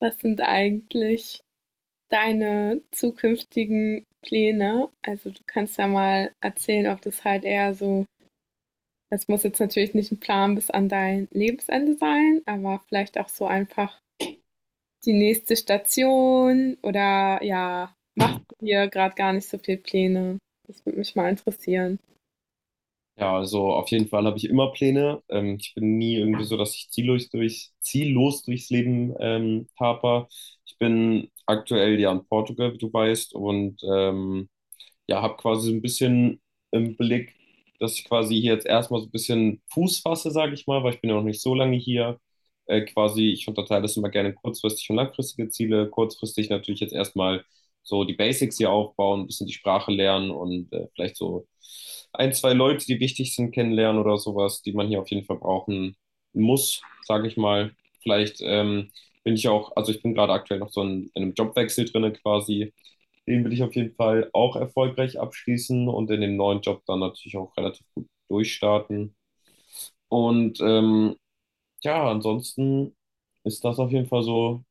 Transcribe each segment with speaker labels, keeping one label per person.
Speaker 1: Was sind eigentlich deine zukünftigen Pläne? Also du kannst ja mal erzählen, ob das halt eher so, das muss jetzt natürlich nicht ein Plan bis an dein Lebensende sein, aber vielleicht auch so einfach die nächste Station oder ja, machst du dir gerade gar nicht so viel Pläne? Das würde mich mal interessieren.
Speaker 2: Ja, also auf jeden Fall habe ich immer Pläne. Ich bin nie irgendwie so, dass ich ziellos durchs Leben taper. Ich bin aktuell ja in Portugal, wie du weißt, und ja, habe quasi so ein bisschen im Blick, dass ich quasi hier jetzt erstmal so ein bisschen Fuß fasse, sage ich mal, weil ich bin ja noch nicht so lange hier. Quasi, ich unterteile das immer gerne in kurzfristig und langfristige Ziele. Kurzfristig natürlich jetzt erstmal so die Basics hier aufbauen, ein bisschen die Sprache lernen und vielleicht so ein, zwei Leute, die wichtig sind, kennenlernen oder sowas, die man hier auf jeden Fall brauchen muss, sage ich mal. Vielleicht bin ich auch, also ich bin gerade aktuell noch so in einem Jobwechsel drinne quasi, den will ich auf jeden Fall auch erfolgreich abschließen und in dem neuen Job dann natürlich auch relativ gut durchstarten. Und ähm, ja, ansonsten ist das auf jeden Fall so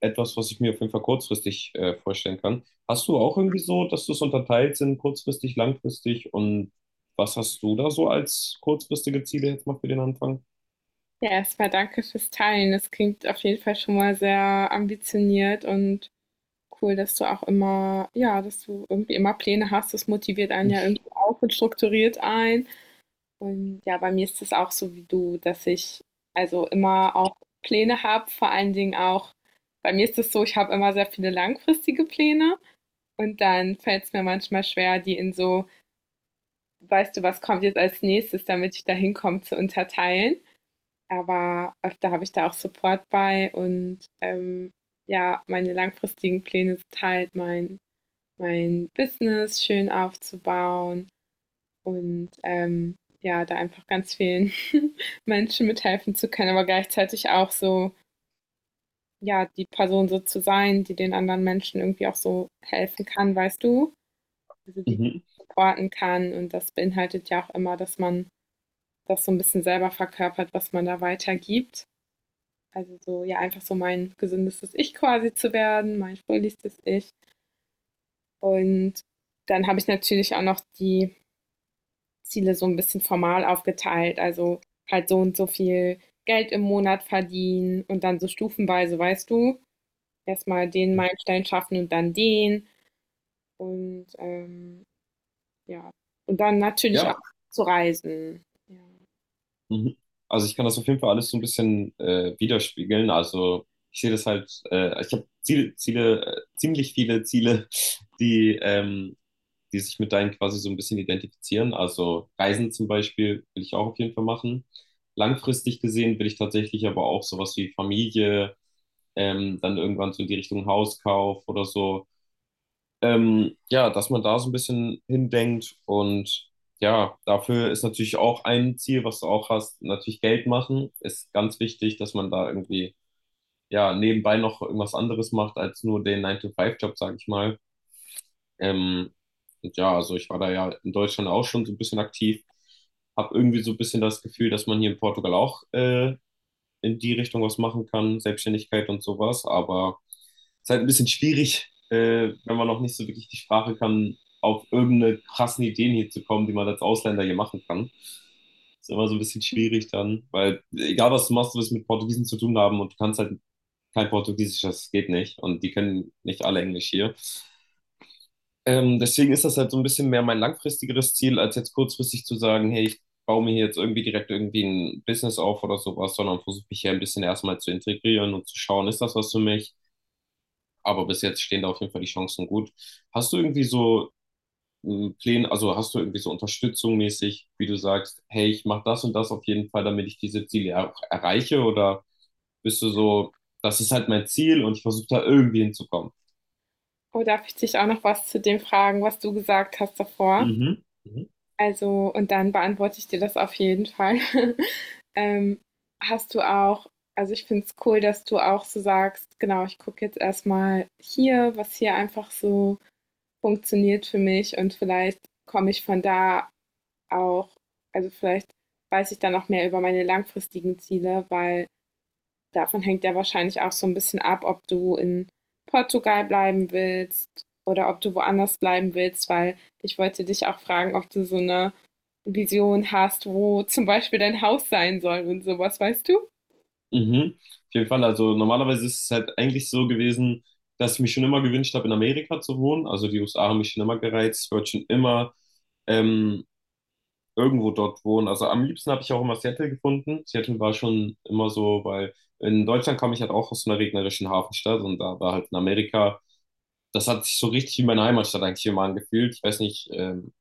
Speaker 2: etwas, was ich mir auf jeden Fall kurzfristig vorstellen kann. Hast du auch irgendwie so, dass du es unterteilt sind, kurzfristig, langfristig und was hast du da so als kurzfristige Ziele jetzt mal für den Anfang?
Speaker 1: Ja, erstmal danke fürs Teilen. Das klingt auf jeden Fall schon mal sehr ambitioniert und cool, dass du irgendwie immer Pläne hast. Das motiviert einen ja irgendwie auch und strukturiert ein. Und ja, bei mir ist es auch so wie du, dass ich also immer auch Pläne habe. Vor allen Dingen auch, bei mir ist es so, ich habe immer sehr viele langfristige Pläne und dann fällt es mir manchmal schwer, die in so: „Weißt du, was kommt jetzt als Nächstes, damit ich da hinkomme", zu unterteilen. Aber öfter habe ich da auch Support bei und, ja, meine langfristigen Pläne sind halt mein Business schön aufzubauen und ja, da einfach ganz vielen Menschen mithelfen zu können, aber gleichzeitig auch so, ja, die Person so zu sein, die den anderen Menschen irgendwie auch so helfen kann, weißt du? Also die
Speaker 2: Mhm.
Speaker 1: supporten kann und das beinhaltet ja auch immer, dass man das so ein bisschen selber verkörpert, was man da weitergibt. Also so, ja, einfach so mein gesündestes Ich quasi zu werden, mein fröhlichstes Ich. Und dann habe ich natürlich auch noch die Ziele so ein bisschen formal aufgeteilt, also halt so und so viel Geld im Monat verdienen und dann so stufenweise, weißt du, erstmal den Meilenstein schaffen und dann den. Und, ja. Und dann natürlich auch
Speaker 2: Ja.
Speaker 1: zu reisen. Ja.
Speaker 2: Mhm. Also ich kann das auf jeden Fall alles so ein bisschen widerspiegeln. Also ich sehe das halt, ich habe ziemlich viele Ziele, die, ähm, die sich mit deinen quasi so ein bisschen identifizieren. Also Reisen zum Beispiel will ich auch auf jeden Fall machen. Langfristig gesehen will ich tatsächlich aber auch sowas wie Familie, dann irgendwann so in die Richtung Hauskauf oder so, ja, dass man da so ein bisschen hindenkt und ja, dafür ist natürlich auch ein Ziel, was du auch hast, natürlich Geld machen, ist ganz wichtig, dass man da irgendwie ja nebenbei noch irgendwas anderes macht als nur den Nine to Five job, sage ich mal. Ähm, und ja, also ich war da ja in Deutschland auch schon so ein bisschen aktiv, habe irgendwie so ein bisschen das Gefühl, dass man hier in Portugal auch in die Richtung was machen kann, Selbstständigkeit und sowas. Aber es ist halt ein bisschen schwierig, wenn man noch nicht so wirklich die Sprache kann, auf irgendeine krassen Ideen hier zu kommen, die man als Ausländer hier machen kann. Ist immer so ein bisschen schwierig dann, weil egal was du machst, du wirst mit Portugiesen zu tun haben und du kannst halt kein Portugiesisch, das geht nicht. Und die können nicht alle Englisch hier. Deswegen ist das halt so ein bisschen mehr mein langfristigeres Ziel, als jetzt kurzfristig zu sagen, hey, ich baue mir hier jetzt irgendwie direkt irgendwie ein Business auf oder sowas, sondern versuche mich hier ein bisschen erstmal zu integrieren und zu schauen, ist das was für mich? Aber bis jetzt stehen da auf jeden Fall die Chancen gut. Hast du irgendwie so Pläne, also hast du irgendwie so Unterstützung mäßig, wie du sagst, hey, ich mache das und das auf jeden Fall, damit ich diese Ziele auch erreiche? Oder bist du so, das ist halt mein Ziel und ich versuche da irgendwie hinzukommen?
Speaker 1: Oh, darf ich dich auch noch was zu dem fragen, was du gesagt hast davor?
Speaker 2: Mhm. Mhm.
Speaker 1: Also und dann beantworte ich dir das auf jeden Fall. Ähm, Hast du auch, also ich finde es cool, dass du auch so sagst: „Genau, ich gucke jetzt erstmal hier, was hier einfach so funktioniert für mich und vielleicht komme ich von da auch, also vielleicht weiß ich dann auch mehr über meine langfristigen Ziele, weil davon hängt ja wahrscheinlich auch so ein bisschen ab, ob du in Portugal bleiben willst oder ob du woanders bleiben willst, weil ich wollte dich auch fragen, ob du so eine Vision hast, wo zum Beispiel dein Haus sein soll und sowas, weißt du?
Speaker 2: Mhm. Auf jeden Fall. Also normalerweise ist es halt eigentlich so gewesen, dass ich mich schon immer gewünscht habe, in Amerika zu wohnen. Also die USA haben mich schon immer gereizt. Ich wollte schon immer ähm, irgendwo dort wohnen. Also am liebsten habe ich auch immer Seattle gefunden. Seattle war schon immer so, weil in Deutschland kam ich halt auch aus so einer regnerischen Hafenstadt und da war halt in Amerika, das hat sich so richtig wie meine Heimatstadt eigentlich immer angefühlt. Ich weiß nicht,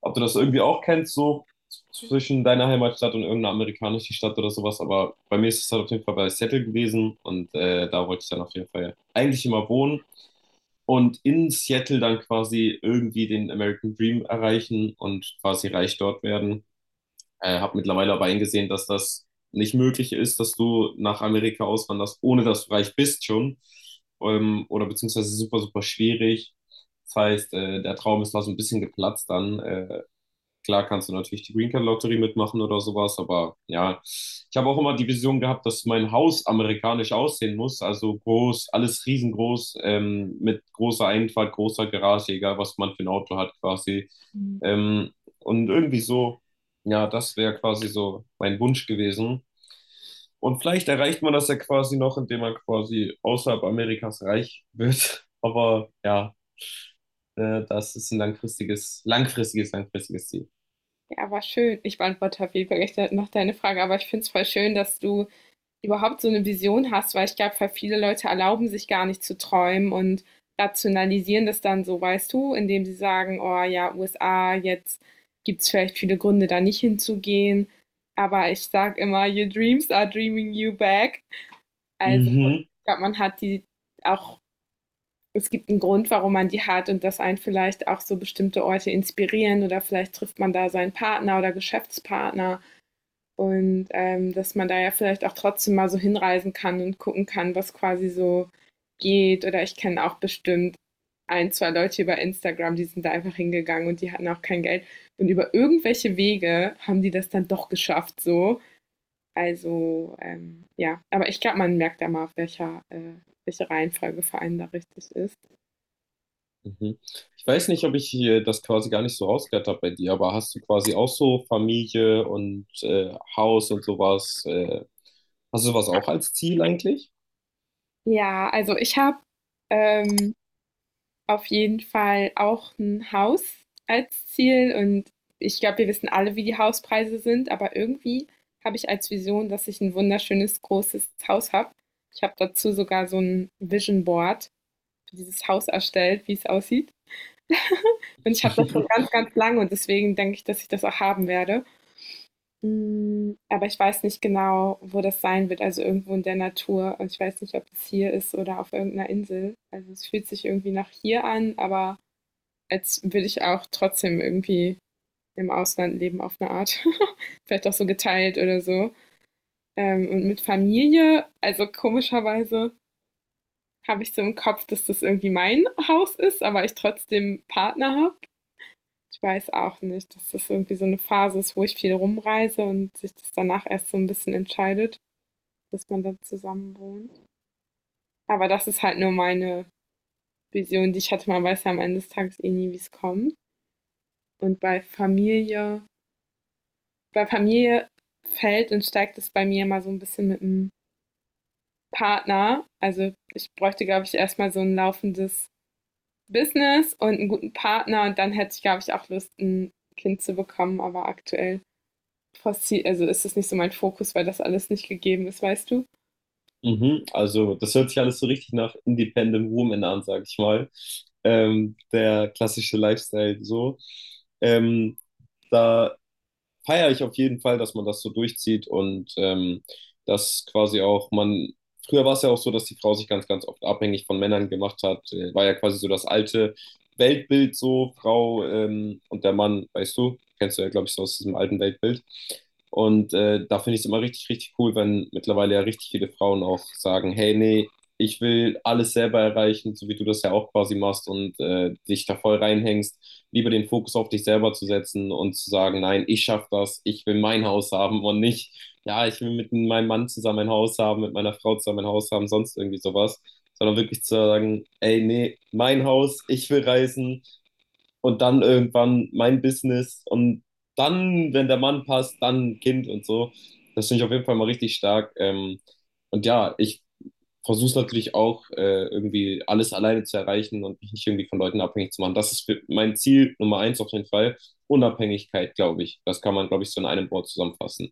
Speaker 2: ob du das irgendwie auch kennst, so zwischen deiner Heimatstadt und irgendeiner amerikanischen Stadt oder sowas. Aber bei mir ist es halt auf jeden Fall bei Seattle gewesen und da wollte ich dann auf jeden Fall eigentlich immer wohnen und in Seattle dann quasi irgendwie den American Dream erreichen und quasi reich dort werden. Habe mittlerweile aber eingesehen, dass das nicht möglich ist, dass du nach Amerika auswanderst, ohne dass du reich bist schon. Oder beziehungsweise super, super schwierig. Das heißt, der Traum ist da so ein bisschen geplatzt dann. Klar kannst du natürlich die Green Card Lotterie mitmachen oder sowas, aber ja, ich habe auch immer die Vision gehabt, dass mein Haus amerikanisch aussehen muss, also groß, alles riesengroß, mit großer Einfahrt, großer Garage, egal was man für ein Auto hat quasi. Ähm, und irgendwie so, ja, das wäre quasi so mein Wunsch gewesen. Und vielleicht erreicht man das ja quasi noch, indem man quasi außerhalb Amerikas reich wird. Aber ja, das ist ein langfristiges Ziel.
Speaker 1: Ja, war schön. Ich beantworte auf jeden Fall gleich noch deine Frage, aber ich finde es voll schön, dass du überhaupt so eine Vision hast, weil ich glaube, voll viele Leute erlauben sich gar nicht zu träumen und rationalisieren das dann so, weißt du, indem sie sagen: „Oh ja, USA, jetzt gibt es vielleicht viele Gründe, da nicht hinzugehen." Aber ich sage immer: „Your dreams are dreaming you back." Also,
Speaker 2: Mhm.
Speaker 1: ich glaube, man hat die auch. Es gibt einen Grund, warum man die hat und dass einen vielleicht auch so bestimmte Orte inspirieren oder vielleicht trifft man da seinen Partner oder Geschäftspartner. Und dass man da ja vielleicht auch trotzdem mal so hinreisen kann und gucken kann, was quasi so geht. Oder ich kenne auch bestimmt ein, zwei Leute über Instagram, die sind da einfach hingegangen und die hatten auch kein Geld. Und über irgendwelche Wege haben die das dann doch geschafft, so. Also, ja, aber ich glaube, man merkt ja mal, auf welche Reihenfolge vor allem da richtig ist.
Speaker 2: Mhm. Ich weiß nicht, ob ich hier das quasi gar nicht so rausgehört habe bei dir, aber hast du quasi auch so Familie und Haus und sowas? Hast du sowas auch als Ziel eigentlich?
Speaker 1: Ja, also ich habe ähm, auf jeden Fall auch ein Haus als Ziel und ich glaube, wir wissen alle, wie die Hauspreise sind, aber irgendwie habe ich als Vision, dass ich ein wunderschönes großes Haus habe. Ich habe dazu sogar so ein Vision Board für dieses Haus erstellt, wie es aussieht. Und ich habe das schon ganz, ganz lange und deswegen denke ich, dass ich das auch haben werde. Hm, aber ich weiß nicht genau, wo das sein wird, also irgendwo in der Natur und ich weiß nicht, ob es hier ist oder auf irgendeiner Insel. Also, es fühlt sich irgendwie nach hier an, aber als würde ich auch trotzdem irgendwie im Ausland leben auf eine Art. Vielleicht auch so geteilt oder so. Und mit Familie, also komischerweise habe ich so im Kopf, dass das irgendwie mein Haus ist, aber ich trotzdem Partner habe. Ich weiß auch nicht, dass das irgendwie so eine Phase ist, wo ich viel rumreise und sich das danach erst so ein bisschen entscheidet, dass man dann zusammen wohnt. Aber das ist halt nur meine Vision, die ich hatte. Man weiß ja am Ende des Tages eh nie, wie es kommt. Und bei Familie fällt und steigt es bei mir mal so ein bisschen mit dem Partner. Also ich bräuchte, glaube ich, erstmal so ein laufendes Business und einen guten Partner und dann hätte ich, glaube ich, auch Lust, ein Kind zu bekommen, aber aktuell also ist das nicht so mein Fokus, weil das alles nicht gegeben ist, weißt du?
Speaker 2: Mhm. Also, das hört sich alles so richtig nach Independent Woman an, sag ich mal. Der klassische Lifestyle so. Ähm, Da feiere ich auf jeden Fall, dass man das so durchzieht und dass quasi auch man, früher war es ja auch so, dass die Frau sich ganz, ganz oft abhängig von Männern gemacht hat, war ja quasi so das alte Weltbild so, Frau und der Mann, weißt du, kennst du ja, glaube ich, so aus diesem alten Weltbild. Und da finde ich es immer richtig, richtig cool, wenn mittlerweile ja richtig viele Frauen auch sagen, hey, nee, ich will alles selber erreichen, so wie du das ja auch quasi machst und dich da voll reinhängst, lieber den Fokus auf dich selber zu setzen und zu sagen, nein, ich schaffe das, ich will mein Haus haben und nicht, ja, ich will mit meinem Mann zusammen ein Haus haben, mit meiner Frau zusammen ein Haus haben, sonst irgendwie sowas, sondern wirklich zu sagen, ey, nee, mein Haus, ich will reisen und dann irgendwann mein Business und dann, wenn der Mann passt, dann ein Kind und so. Das finde ich auf jeden Fall mal richtig stark. Und ja, ich versuche natürlich auch, irgendwie alles alleine zu erreichen und mich nicht irgendwie von Leuten abhängig zu machen. Das ist für mein Ziel Nummer eins auf jeden Fall. Unabhängigkeit, glaube ich. Das kann man, glaube ich, so in einem Wort zusammenfassen.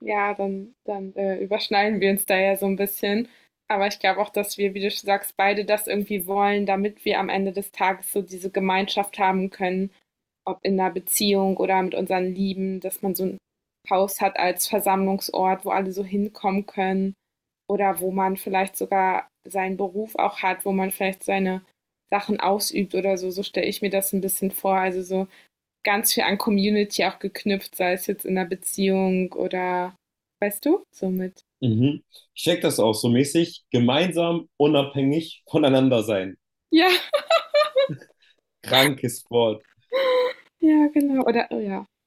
Speaker 1: Ja, dann, überschneiden wir uns da ja so ein bisschen. Aber ich glaube auch, dass wir, wie du sagst, beide das irgendwie wollen, damit wir am Ende des Tages so diese Gemeinschaft haben können, ob in einer Beziehung oder mit unseren Lieben, dass man so ein Haus hat als Versammlungsort, wo alle so hinkommen können oder wo man vielleicht sogar seinen Beruf auch hat, wo man vielleicht seine Sachen ausübt oder so. So stelle ich mir das ein bisschen vor. Also so ganz viel an Community auch geknüpft, sei es jetzt in einer Beziehung oder, weißt du, so mit.
Speaker 2: Mhm. Ich check das auch so mäßig. Gemeinsam, unabhängig voneinander sein.
Speaker 1: Ja,
Speaker 2: Krankes Wort.
Speaker 1: ja, genau. Oder, oh ja.